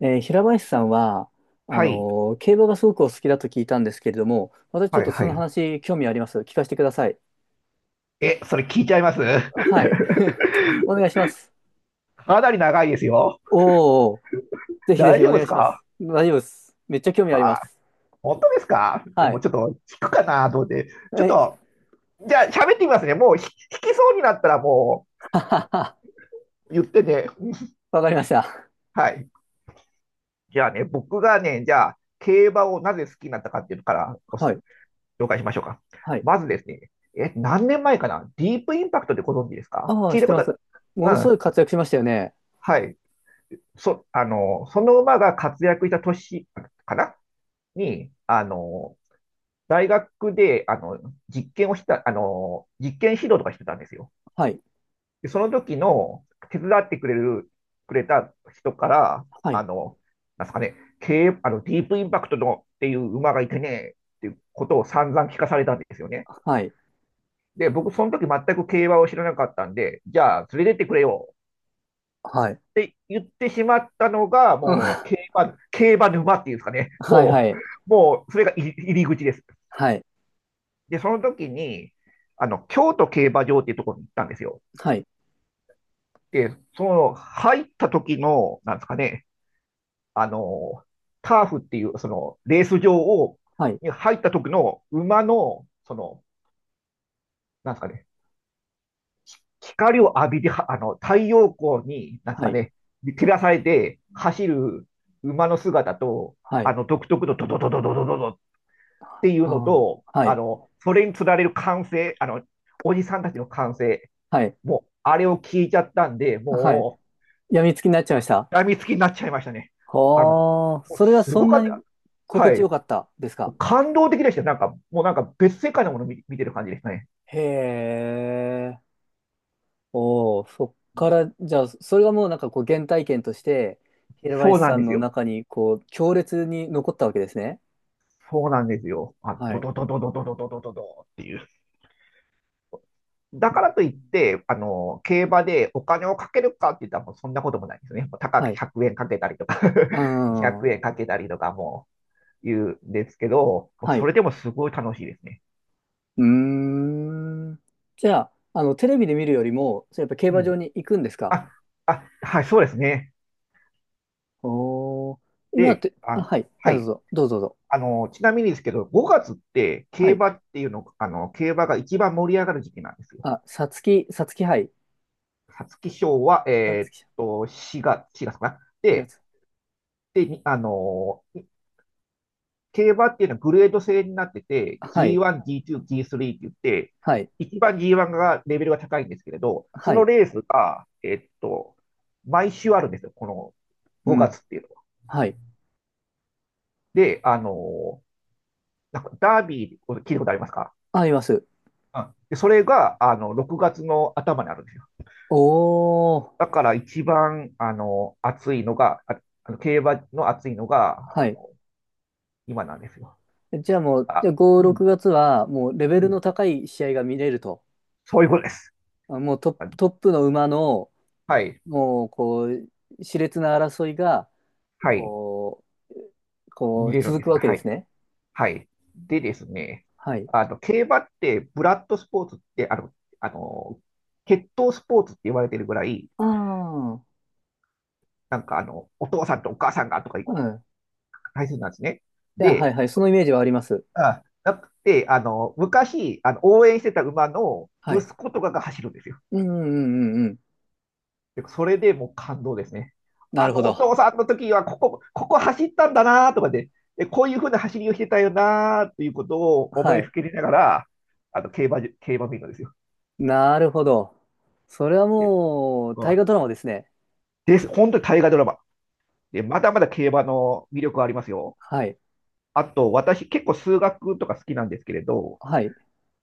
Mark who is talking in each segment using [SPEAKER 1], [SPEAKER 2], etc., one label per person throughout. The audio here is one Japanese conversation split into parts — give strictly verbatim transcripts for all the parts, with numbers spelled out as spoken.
[SPEAKER 1] えー平林さんは、あ
[SPEAKER 2] はい、
[SPEAKER 1] のー競馬がすごくお好きだと聞いたんですけれども、私ちょっ
[SPEAKER 2] はい、
[SPEAKER 1] とそ
[SPEAKER 2] は
[SPEAKER 1] の
[SPEAKER 2] い。
[SPEAKER 1] 話興味あります。聞かせてください。
[SPEAKER 2] え、それ聞いちゃいます。
[SPEAKER 1] はい。お願いします。
[SPEAKER 2] かなり長いですよ。
[SPEAKER 1] おお、ぜひぜ
[SPEAKER 2] 大
[SPEAKER 1] ひ
[SPEAKER 2] 丈
[SPEAKER 1] お
[SPEAKER 2] 夫で
[SPEAKER 1] 願
[SPEAKER 2] す
[SPEAKER 1] いします。
[SPEAKER 2] か？
[SPEAKER 1] 大丈夫です。めっちゃ興味ありま
[SPEAKER 2] はい。
[SPEAKER 1] す。
[SPEAKER 2] 本当ですか？いや
[SPEAKER 1] は
[SPEAKER 2] もう
[SPEAKER 1] い。
[SPEAKER 2] ちょっと聞くかなと思って。ちょっ
[SPEAKER 1] え、
[SPEAKER 2] と、じゃあ喋ってみますね。もうひ引きそうになったらも
[SPEAKER 1] ははは。
[SPEAKER 2] う言ってね。
[SPEAKER 1] わかりました。
[SPEAKER 2] はい。じゃあね、僕がね、じゃあ競馬をなぜ好きになったかっていうのからお
[SPEAKER 1] はい。
[SPEAKER 2] 紹介しましょうか。
[SPEAKER 1] はい。
[SPEAKER 2] まずですね、え、何年前かな、ディープインパクトでご存知ですか？
[SPEAKER 1] あ
[SPEAKER 2] 聞
[SPEAKER 1] あ、
[SPEAKER 2] い
[SPEAKER 1] 知っ
[SPEAKER 2] た
[SPEAKER 1] て
[SPEAKER 2] こと
[SPEAKER 1] ま
[SPEAKER 2] あっ
[SPEAKER 1] す。も
[SPEAKER 2] た。
[SPEAKER 1] のすごい
[SPEAKER 2] うん。
[SPEAKER 1] 活躍しましたよね。
[SPEAKER 2] はい。そ、あの、その馬が活躍した年かなに、あの、大学で、あの、実験をした、あの、実験指導とかしてたんですよ。
[SPEAKER 1] はい。
[SPEAKER 2] で、その時の手伝ってくれる、くれた人から、
[SPEAKER 1] は
[SPEAKER 2] あ
[SPEAKER 1] い。
[SPEAKER 2] の、なんすかね、経営あの、ディープインパクトのっていう馬がいてね、っていうことを散々聞かされたんですよね。
[SPEAKER 1] はい。
[SPEAKER 2] で、僕、その時全く競馬を知らなかったんで、じゃあ、連れてってくれよ
[SPEAKER 1] はい。
[SPEAKER 2] って言ってしまったのが、
[SPEAKER 1] うん。
[SPEAKER 2] もう
[SPEAKER 1] は
[SPEAKER 2] 競馬、競馬沼っていうんですかね。
[SPEAKER 1] い。は
[SPEAKER 2] もう、
[SPEAKER 1] い。
[SPEAKER 2] もう、それが入り口です。
[SPEAKER 1] はい。
[SPEAKER 2] で、その時に、あの、京都競馬場っていうところに行ったんですよ。
[SPEAKER 1] はい。
[SPEAKER 2] で、その、入った時の、なんですかね、あの、ターフっていう、その、レース場を、
[SPEAKER 1] はい。
[SPEAKER 2] に入った時の馬の、その、なんですかね、光を浴びて、はあの、太陽光に、なんです
[SPEAKER 1] は
[SPEAKER 2] か
[SPEAKER 1] い。
[SPEAKER 2] ね、照らされて走る馬の姿と、
[SPEAKER 1] は
[SPEAKER 2] あ
[SPEAKER 1] い。
[SPEAKER 2] の、独特のドドドドドドドドっていうの
[SPEAKER 1] あ
[SPEAKER 2] と、
[SPEAKER 1] あ。は
[SPEAKER 2] あ
[SPEAKER 1] い。
[SPEAKER 2] の、それにつられる歓声、あの、おじさんたちの歓声、
[SPEAKER 1] はい。
[SPEAKER 2] もう、あれを聞いちゃったんで、
[SPEAKER 1] はい。
[SPEAKER 2] も
[SPEAKER 1] 病みつきになっちゃいました。
[SPEAKER 2] う、病みつきになっちゃいましたね。あの、
[SPEAKER 1] はあ、
[SPEAKER 2] もう
[SPEAKER 1] それは
[SPEAKER 2] す
[SPEAKER 1] そ
[SPEAKER 2] ご
[SPEAKER 1] ん
[SPEAKER 2] か
[SPEAKER 1] な
[SPEAKER 2] っ
[SPEAKER 1] に
[SPEAKER 2] た。
[SPEAKER 1] 心
[SPEAKER 2] は
[SPEAKER 1] 地よ
[SPEAKER 2] い。
[SPEAKER 1] かったですか？
[SPEAKER 2] 感動的でした。なんか、もうなんか別世界のものを見、見てる感じですね。
[SPEAKER 1] へえ、おお、そっから、じゃあ、それがもうなんかこう原体験として、平
[SPEAKER 2] そう
[SPEAKER 1] 林
[SPEAKER 2] な
[SPEAKER 1] さ
[SPEAKER 2] ん
[SPEAKER 1] ん
[SPEAKER 2] です
[SPEAKER 1] の
[SPEAKER 2] よ。
[SPEAKER 1] 中にこう強烈に残ったわけですね。
[SPEAKER 2] そうなんですよ。あ、
[SPEAKER 1] は
[SPEAKER 2] ド
[SPEAKER 1] い。
[SPEAKER 2] ドドドドドドドドドドっていう。だ
[SPEAKER 1] う
[SPEAKER 2] からといっ
[SPEAKER 1] ん。
[SPEAKER 2] て、あの、競馬でお金をかけるかって言ったらもうそんなこともないですね。もう高く
[SPEAKER 1] はい。
[SPEAKER 2] ひゃくえんかけたりとか、
[SPEAKER 1] う
[SPEAKER 2] 200
[SPEAKER 1] ん。は
[SPEAKER 2] 円 かけたりとか、も言うんですけど、もうそ
[SPEAKER 1] い。
[SPEAKER 2] れでもすごい楽しいですね。
[SPEAKER 1] うーん。じゃあ、あの、テレビで見るよりも、それやっぱ競
[SPEAKER 2] う
[SPEAKER 1] 馬場
[SPEAKER 2] ん。
[SPEAKER 1] に行くんですか？
[SPEAKER 2] あ、あはい、そうですね。
[SPEAKER 1] おおー、今っ
[SPEAKER 2] で、
[SPEAKER 1] て、あ、
[SPEAKER 2] あ、
[SPEAKER 1] はい。
[SPEAKER 2] は
[SPEAKER 1] あ、どう
[SPEAKER 2] い。
[SPEAKER 1] ぞ、どうぞ、どうぞ。
[SPEAKER 2] あの、ちなみにですけど、ごがつって
[SPEAKER 1] は
[SPEAKER 2] 競
[SPEAKER 1] い。
[SPEAKER 2] 馬っていうの、あの、競馬が一番盛り上がる時期なんですよ。
[SPEAKER 1] あ、さつき、さつき杯。
[SPEAKER 2] 皐月賞は、え
[SPEAKER 1] さつ
[SPEAKER 2] ーっ
[SPEAKER 1] き
[SPEAKER 2] と、しがつ、月かな。
[SPEAKER 1] 4
[SPEAKER 2] で、
[SPEAKER 1] 月。
[SPEAKER 2] で、にあの、競馬っていうのはグレード制になってて、
[SPEAKER 1] はい。
[SPEAKER 2] ジーワン、ジーツー、ジースリー って言って、
[SPEAKER 1] はい。
[SPEAKER 2] 一番 ジーワン がレベルが高いんですけれど、そ
[SPEAKER 1] は
[SPEAKER 2] の
[SPEAKER 1] い。
[SPEAKER 2] レースが、えっと、毎週あるんですよ、この
[SPEAKER 1] う
[SPEAKER 2] 5
[SPEAKER 1] ん。
[SPEAKER 2] 月っていうのは。
[SPEAKER 1] はい。
[SPEAKER 2] で、あの、なんかダービー、聞いたことありますか？
[SPEAKER 1] あります。
[SPEAKER 2] うん、でそれがあのろくがつの頭にあるんですよ。
[SPEAKER 1] おー。
[SPEAKER 2] だから一番あの暑いのが、ああの競馬の暑いのが
[SPEAKER 1] は
[SPEAKER 2] あ
[SPEAKER 1] い。
[SPEAKER 2] の今なんですよ。
[SPEAKER 1] じゃあもう、じ
[SPEAKER 2] あ
[SPEAKER 1] ゃあご、
[SPEAKER 2] う
[SPEAKER 1] 6
[SPEAKER 2] ん
[SPEAKER 1] 月は、もうレ
[SPEAKER 2] う
[SPEAKER 1] ベルの
[SPEAKER 2] ん、
[SPEAKER 1] 高い試合が見れると。
[SPEAKER 2] そういうことです。
[SPEAKER 1] あ、もうトップ、トップの馬の、
[SPEAKER 2] はい。
[SPEAKER 1] もう、こう、熾烈な争いが、
[SPEAKER 2] はい。
[SPEAKER 1] こう、こ
[SPEAKER 2] 見
[SPEAKER 1] う、
[SPEAKER 2] れるん
[SPEAKER 1] 続
[SPEAKER 2] で
[SPEAKER 1] く
[SPEAKER 2] す
[SPEAKER 1] わ
[SPEAKER 2] よ。
[SPEAKER 1] け
[SPEAKER 2] は
[SPEAKER 1] です
[SPEAKER 2] い。
[SPEAKER 1] ね。
[SPEAKER 2] はい。でですね、
[SPEAKER 1] はい。
[SPEAKER 2] あの、競馬って、ブラッドスポーツって、あの、あの、血統スポーツって言われてるぐらい、
[SPEAKER 1] ああ。
[SPEAKER 2] なんかあの、お父さんとお母さんがとか
[SPEAKER 1] うん。
[SPEAKER 2] 大切なんですね。
[SPEAKER 1] いや、はい
[SPEAKER 2] で、
[SPEAKER 1] はい。そのイメージはあります。
[SPEAKER 2] あ、なくて、あの、昔、あの、応援してた馬の
[SPEAKER 1] は
[SPEAKER 2] 息
[SPEAKER 1] い。
[SPEAKER 2] 子とかが走るんですよ。
[SPEAKER 1] うんうんうんうんうん。
[SPEAKER 2] でそれでもう感動ですね。
[SPEAKER 1] な
[SPEAKER 2] あ
[SPEAKER 1] るほ
[SPEAKER 2] の、お
[SPEAKER 1] ど。
[SPEAKER 2] 父さんの時は、ここ、ここ走ったんだなとかで、で、こういうふうな走りをしてたよなということを思
[SPEAKER 1] は
[SPEAKER 2] いふ
[SPEAKER 1] い。
[SPEAKER 2] けりながら、あの、競馬じ、競馬見るんですよ。
[SPEAKER 1] なるほど。それは
[SPEAKER 2] で、
[SPEAKER 1] もう、
[SPEAKER 2] う
[SPEAKER 1] 大河
[SPEAKER 2] ん。
[SPEAKER 1] ドラマですね。
[SPEAKER 2] です。本当に大河ドラマ。で、まだまだ競馬の魅力はありますよ。
[SPEAKER 1] はい。
[SPEAKER 2] あと、私、結構数学とか好きなんですけれど、
[SPEAKER 1] はい。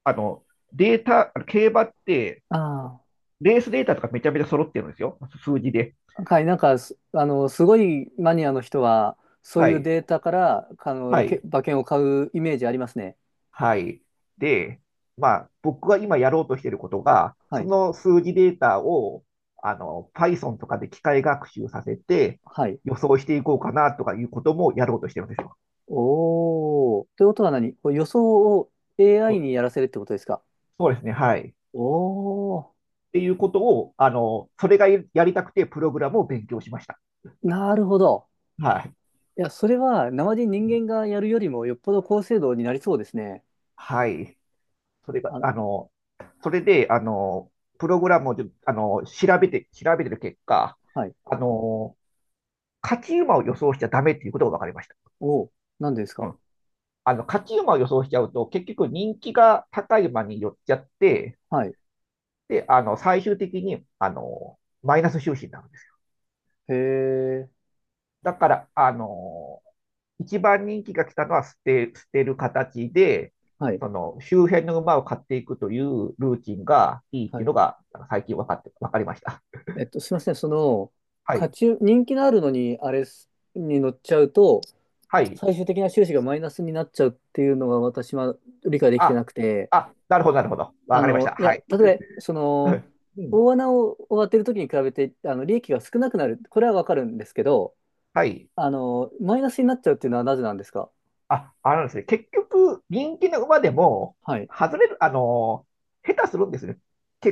[SPEAKER 2] あの、データ、あの競馬って、
[SPEAKER 1] あ
[SPEAKER 2] レースデータとかめちゃめちゃ揃ってるんですよ。数字で。
[SPEAKER 1] あ。はい。なんかす、あの、すごいマニアの人は、そう
[SPEAKER 2] は
[SPEAKER 1] いう
[SPEAKER 2] い。
[SPEAKER 1] データから、あの、
[SPEAKER 2] は
[SPEAKER 1] け
[SPEAKER 2] い。
[SPEAKER 1] 馬券を買うイメージありますね。
[SPEAKER 2] はい。で、まあ、僕が今やろうとしていることが、
[SPEAKER 1] は
[SPEAKER 2] そ
[SPEAKER 1] い。
[SPEAKER 2] の数字データを、あの、Python とかで機械学習させて、
[SPEAKER 1] はい。
[SPEAKER 2] 予想していこうかなとかいうこともやろうとしてるんですよ。
[SPEAKER 1] おー。ということは何こう予想を
[SPEAKER 2] そ
[SPEAKER 1] エーアイ
[SPEAKER 2] う
[SPEAKER 1] にやらせるってことですか？
[SPEAKER 2] そうですね。はい。
[SPEAKER 1] おー。
[SPEAKER 2] っていうことを、あの、それがやりたくてプログラムを勉強しました。
[SPEAKER 1] なるほど。
[SPEAKER 2] はい。
[SPEAKER 1] いや、それは、生で人間がやるよりも、よっぽど高精度になりそうですね。
[SPEAKER 2] はい。それが、
[SPEAKER 1] あ、
[SPEAKER 2] あの、それで、あの、プログラムを、あの、調べて、調べてる結果、
[SPEAKER 1] はい。
[SPEAKER 2] あの、勝ち馬を予想しちゃダメっていうことが分かりました。
[SPEAKER 1] おー。なんでです
[SPEAKER 2] う
[SPEAKER 1] か？
[SPEAKER 2] ん。あの、勝ち馬を予想しちゃうと、結局人気が高い馬に寄っちゃって、
[SPEAKER 1] はい。
[SPEAKER 2] で、あの、最終的に、あの、マイナス収支になるんですよ。
[SPEAKER 1] へー。
[SPEAKER 2] だから、あの、一番人気が来たのは捨て、捨てる形で、
[SPEAKER 1] はい。
[SPEAKER 2] その周辺の馬を買っていくというルーティンがいいっ
[SPEAKER 1] は
[SPEAKER 2] ていう
[SPEAKER 1] い。
[SPEAKER 2] のが最近分かって、分かりました。
[SPEAKER 1] えっと、すみません、その、
[SPEAKER 2] は
[SPEAKER 1] 価
[SPEAKER 2] い。
[SPEAKER 1] 値、人気のあるのに、あれすに乗っちゃうと、
[SPEAKER 2] はい。
[SPEAKER 1] 最終的な収支がマイナスになっちゃうっていうのが私は理解できて
[SPEAKER 2] あ、
[SPEAKER 1] なくて、
[SPEAKER 2] あ、なるほど、なるほど。分
[SPEAKER 1] あ
[SPEAKER 2] かりまし
[SPEAKER 1] の、
[SPEAKER 2] た。
[SPEAKER 1] い
[SPEAKER 2] は
[SPEAKER 1] や、
[SPEAKER 2] い。
[SPEAKER 1] 例えば、その、
[SPEAKER 2] うん。
[SPEAKER 1] 大穴を当てるときに比べて、あの、利益が少なくなる、これはわかるんですけど、
[SPEAKER 2] はい。
[SPEAKER 1] あの、マイナスになっちゃうっていうのはなぜなんですか？
[SPEAKER 2] あ、あのですね、結局、人気の馬でも、
[SPEAKER 1] はい。
[SPEAKER 2] 外れる、あのー、下手するんですね。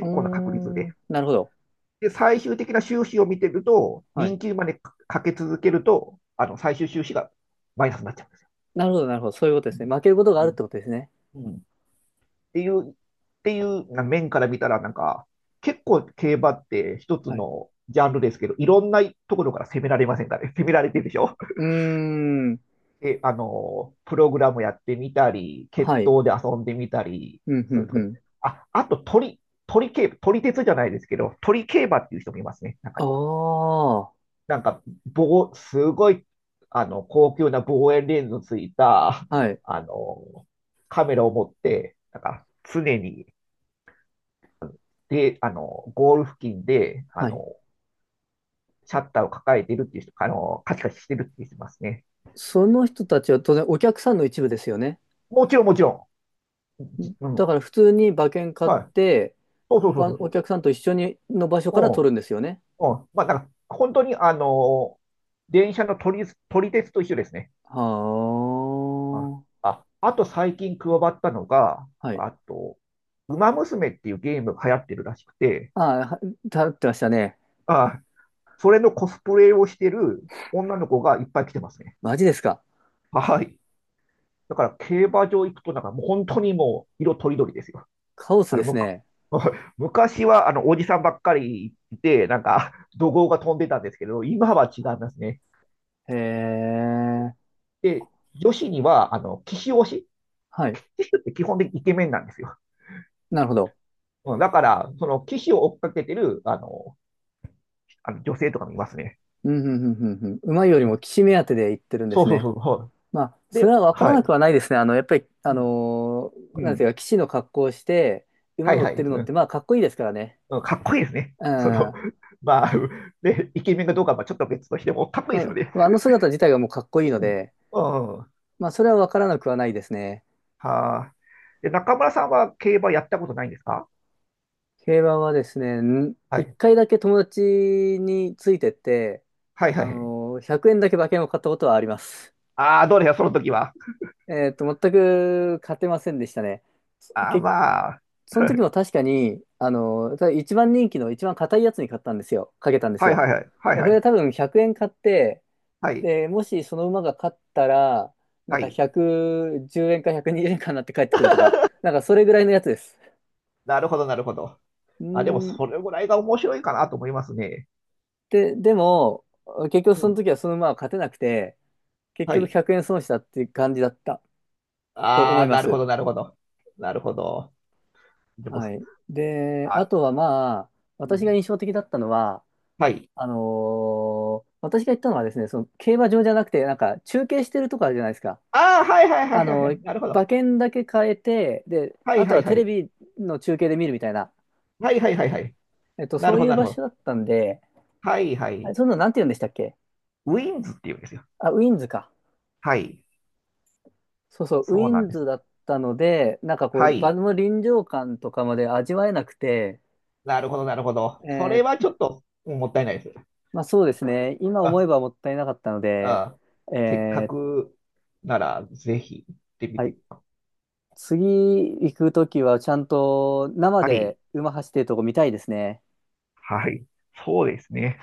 [SPEAKER 1] うー
[SPEAKER 2] 構な確率で。
[SPEAKER 1] ん、なるほど。
[SPEAKER 2] で、最終的な収支を見てると、
[SPEAKER 1] はい。
[SPEAKER 2] 人気馬にかけ続けると、あの、最終収支がマイナスになっちゃう。
[SPEAKER 1] なるほど、なるほど。そういうことですね。負けることがあるってことですね。
[SPEAKER 2] うん。っていう、っていうな面から見たら、なんか、結構競馬って一つ
[SPEAKER 1] はい。
[SPEAKER 2] のジャンルですけど、いろんなところから攻められませんかね。攻められてるでしょ？
[SPEAKER 1] うーん、
[SPEAKER 2] え、あの、プログラムやってみたり、決
[SPEAKER 1] はい。
[SPEAKER 2] 闘で遊んでみたり、
[SPEAKER 1] うん、う
[SPEAKER 2] それ
[SPEAKER 1] ん、
[SPEAKER 2] と
[SPEAKER 1] う
[SPEAKER 2] かね。
[SPEAKER 1] ん。
[SPEAKER 2] あ、あと鳥、鳥競、鳥鉄じゃないですけど、鳥競馬っていう人もいますね、中
[SPEAKER 1] あ
[SPEAKER 2] に。
[SPEAKER 1] あ。
[SPEAKER 2] なんか、棒、すごい、あの、高級な望遠レンズのついた、
[SPEAKER 1] はい。
[SPEAKER 2] あの、カメラを持って、なんか、常に、で、あの、ゴール付近で、あ
[SPEAKER 1] はい。
[SPEAKER 2] の、シャッターを抱えてるっていう人、あの、カチカチしてるっていう人いますね。
[SPEAKER 1] その人たちは当然お客さんの一部ですよね。
[SPEAKER 2] もちろん、もちろん。う
[SPEAKER 1] だ
[SPEAKER 2] ん。
[SPEAKER 1] から普通に馬券買っ
[SPEAKER 2] はい。
[SPEAKER 1] て、
[SPEAKER 2] そうそうそう
[SPEAKER 1] 他
[SPEAKER 2] そ
[SPEAKER 1] の
[SPEAKER 2] う
[SPEAKER 1] お
[SPEAKER 2] そ
[SPEAKER 1] 客さんと一緒にの場所
[SPEAKER 2] う。
[SPEAKER 1] か
[SPEAKER 2] う
[SPEAKER 1] ら取るんですよね。
[SPEAKER 2] ん。うん。まあ、なんか、本当に、あの、電車の撮り、撮り鉄と一緒ですね。
[SPEAKER 1] は
[SPEAKER 2] あ、あ、あと最近加わったのが、
[SPEAKER 1] あ。はい。
[SPEAKER 2] あと、ウマ娘っていうゲームが流行ってるらしくて、
[SPEAKER 1] ああ、は立ってましたね。
[SPEAKER 2] あ、それのコスプレをしてる女の子がいっぱい来てますね。
[SPEAKER 1] マジですか。
[SPEAKER 2] はい。だから競馬場行くとなんかもう本当にもう色とりどりですよ。
[SPEAKER 1] カオス
[SPEAKER 2] あの、
[SPEAKER 1] です
[SPEAKER 2] むか
[SPEAKER 1] ね。
[SPEAKER 2] 昔はあのおじさんばっかりいて、なんか怒号が飛んでたんですけど、今は違いますね。
[SPEAKER 1] へえ。
[SPEAKER 2] で、女子にはあの騎手推し、
[SPEAKER 1] はい。
[SPEAKER 2] 騎手って基本的にイケメンなんですよ。
[SPEAKER 1] なるほど。
[SPEAKER 2] うん、だから、その騎手を追っかけてるあのあの女性とかもいますね。
[SPEAKER 1] うん、うん、うん、うん。うん、うまいよりも士目当てで行ってるんで
[SPEAKER 2] そ
[SPEAKER 1] す
[SPEAKER 2] うそう
[SPEAKER 1] ね。
[SPEAKER 2] そう。は
[SPEAKER 1] まあ、
[SPEAKER 2] い。
[SPEAKER 1] それ
[SPEAKER 2] で、
[SPEAKER 1] はわから
[SPEAKER 2] は
[SPEAKER 1] なく
[SPEAKER 2] い。
[SPEAKER 1] はないですね。あの、やっぱり、あ
[SPEAKER 2] うん。
[SPEAKER 1] のー
[SPEAKER 2] う
[SPEAKER 1] なんていう
[SPEAKER 2] ん、
[SPEAKER 1] か、騎士の格好をして、
[SPEAKER 2] は
[SPEAKER 1] 馬
[SPEAKER 2] い
[SPEAKER 1] 乗
[SPEAKER 2] は
[SPEAKER 1] って
[SPEAKER 2] い。
[SPEAKER 1] るの
[SPEAKER 2] う
[SPEAKER 1] って、
[SPEAKER 2] ん、
[SPEAKER 1] まあ、かっこいいですからね。
[SPEAKER 2] うん、かっこいいですね。
[SPEAKER 1] う
[SPEAKER 2] そ
[SPEAKER 1] ん。
[SPEAKER 2] の、
[SPEAKER 1] う
[SPEAKER 2] まあ、で、ね、イケメンかどうかはまあちょっと別としても、かっこいいですよ
[SPEAKER 1] ん、
[SPEAKER 2] ね。
[SPEAKER 1] まああの姿自体がもうかっこいいの
[SPEAKER 2] うん。
[SPEAKER 1] で、
[SPEAKER 2] うん。
[SPEAKER 1] まあ、それはわからなくはないですね。
[SPEAKER 2] はあ。で、中村さんは競馬やったことないんですか？
[SPEAKER 1] 競馬はですね、ん、
[SPEAKER 2] は
[SPEAKER 1] 一
[SPEAKER 2] い。
[SPEAKER 1] 回だけ友達についてって、
[SPEAKER 2] はいは
[SPEAKER 1] あ
[SPEAKER 2] いはい。
[SPEAKER 1] のー、ひゃくえんだけ馬券を買ったことはあります。
[SPEAKER 2] ああ、どうでしょう、その時は。
[SPEAKER 1] えっと、全く勝てませんでしたね。
[SPEAKER 2] ああ、
[SPEAKER 1] 結、
[SPEAKER 2] まあ。
[SPEAKER 1] その 時も確かに、あの、ただ一番人気の一番硬いやつに買ったんですよ。かけたんです
[SPEAKER 2] はい
[SPEAKER 1] よ。
[SPEAKER 2] はいはい。はい
[SPEAKER 1] で、
[SPEAKER 2] は
[SPEAKER 1] これは
[SPEAKER 2] い。
[SPEAKER 1] 多分ひゃくえん買って、
[SPEAKER 2] はい。
[SPEAKER 1] で、もしその馬が勝ったら、なん
[SPEAKER 2] は
[SPEAKER 1] か
[SPEAKER 2] い。
[SPEAKER 1] ひゃくじゅうえんかひゃくにじゅうえんかになって帰ってくるとか、なんかそれぐらいのやつです。
[SPEAKER 2] なるほど、なるほど。
[SPEAKER 1] うー
[SPEAKER 2] あ、でも、
[SPEAKER 1] ん、
[SPEAKER 2] それぐらいが面白いかなと思いますね。
[SPEAKER 1] で、でも、結局
[SPEAKER 2] う
[SPEAKER 1] その
[SPEAKER 2] ん。
[SPEAKER 1] 時はその馬は勝てなくて、結
[SPEAKER 2] は
[SPEAKER 1] 局
[SPEAKER 2] い。
[SPEAKER 1] ひゃくえん損したっていう感じだったと
[SPEAKER 2] あ
[SPEAKER 1] 思
[SPEAKER 2] あ、
[SPEAKER 1] いま
[SPEAKER 2] なるほ
[SPEAKER 1] す。
[SPEAKER 2] ど、なるほど。なるほど。でも、
[SPEAKER 1] はい。で、あ
[SPEAKER 2] あ、
[SPEAKER 1] とはまあ、
[SPEAKER 2] う
[SPEAKER 1] 私が
[SPEAKER 2] ん。
[SPEAKER 1] 印象的だったのは、
[SPEAKER 2] はい。
[SPEAKER 1] あのー私が行ったのはですね、その競馬場じゃなくて、なんか中継してるとこあるじゃないですか。
[SPEAKER 2] ああ、はいはいは
[SPEAKER 1] あ
[SPEAKER 2] いはいは
[SPEAKER 1] の
[SPEAKER 2] い。
[SPEAKER 1] ー
[SPEAKER 2] なるほど。
[SPEAKER 1] 馬券だけ変えて、で、
[SPEAKER 2] はい
[SPEAKER 1] あと
[SPEAKER 2] はい
[SPEAKER 1] は
[SPEAKER 2] は
[SPEAKER 1] テレ
[SPEAKER 2] い。
[SPEAKER 1] ビの中継で見るみたいな、
[SPEAKER 2] はいはいはいはい。
[SPEAKER 1] えっと、
[SPEAKER 2] な
[SPEAKER 1] そ
[SPEAKER 2] る
[SPEAKER 1] う
[SPEAKER 2] ほ
[SPEAKER 1] い
[SPEAKER 2] ど、
[SPEAKER 1] う
[SPEAKER 2] なる
[SPEAKER 1] 場
[SPEAKER 2] ほ
[SPEAKER 1] 所
[SPEAKER 2] ど。
[SPEAKER 1] だったんで、
[SPEAKER 2] はいは
[SPEAKER 1] あれ
[SPEAKER 2] い。
[SPEAKER 1] そんなのなんて言うんでしたっけ？
[SPEAKER 2] ウィンズっていうんですよ。
[SPEAKER 1] あ、ウィンズか。
[SPEAKER 2] はい。
[SPEAKER 1] そうそう、ウ
[SPEAKER 2] そう
[SPEAKER 1] ィ
[SPEAKER 2] なん
[SPEAKER 1] ン
[SPEAKER 2] で
[SPEAKER 1] ズ
[SPEAKER 2] す。
[SPEAKER 1] だったので、なんかこ
[SPEAKER 2] は
[SPEAKER 1] う、場
[SPEAKER 2] い。
[SPEAKER 1] の臨場感とかまで味わえなくて、
[SPEAKER 2] なるほど、なるほど。それ
[SPEAKER 1] え
[SPEAKER 2] は
[SPEAKER 1] ー、
[SPEAKER 2] ちょっとうん、もったいないです。
[SPEAKER 1] まあそうですね、今
[SPEAKER 2] あ、
[SPEAKER 1] 思えばもったいなかったので、
[SPEAKER 2] あ、せっか
[SPEAKER 1] えー、
[SPEAKER 2] くならぜひ行ってみ
[SPEAKER 1] はい、
[SPEAKER 2] て。
[SPEAKER 1] 次行くときはちゃんと生
[SPEAKER 2] は
[SPEAKER 1] で
[SPEAKER 2] い。
[SPEAKER 1] 馬走ってるとこ見たいですね。
[SPEAKER 2] はい。そうですね。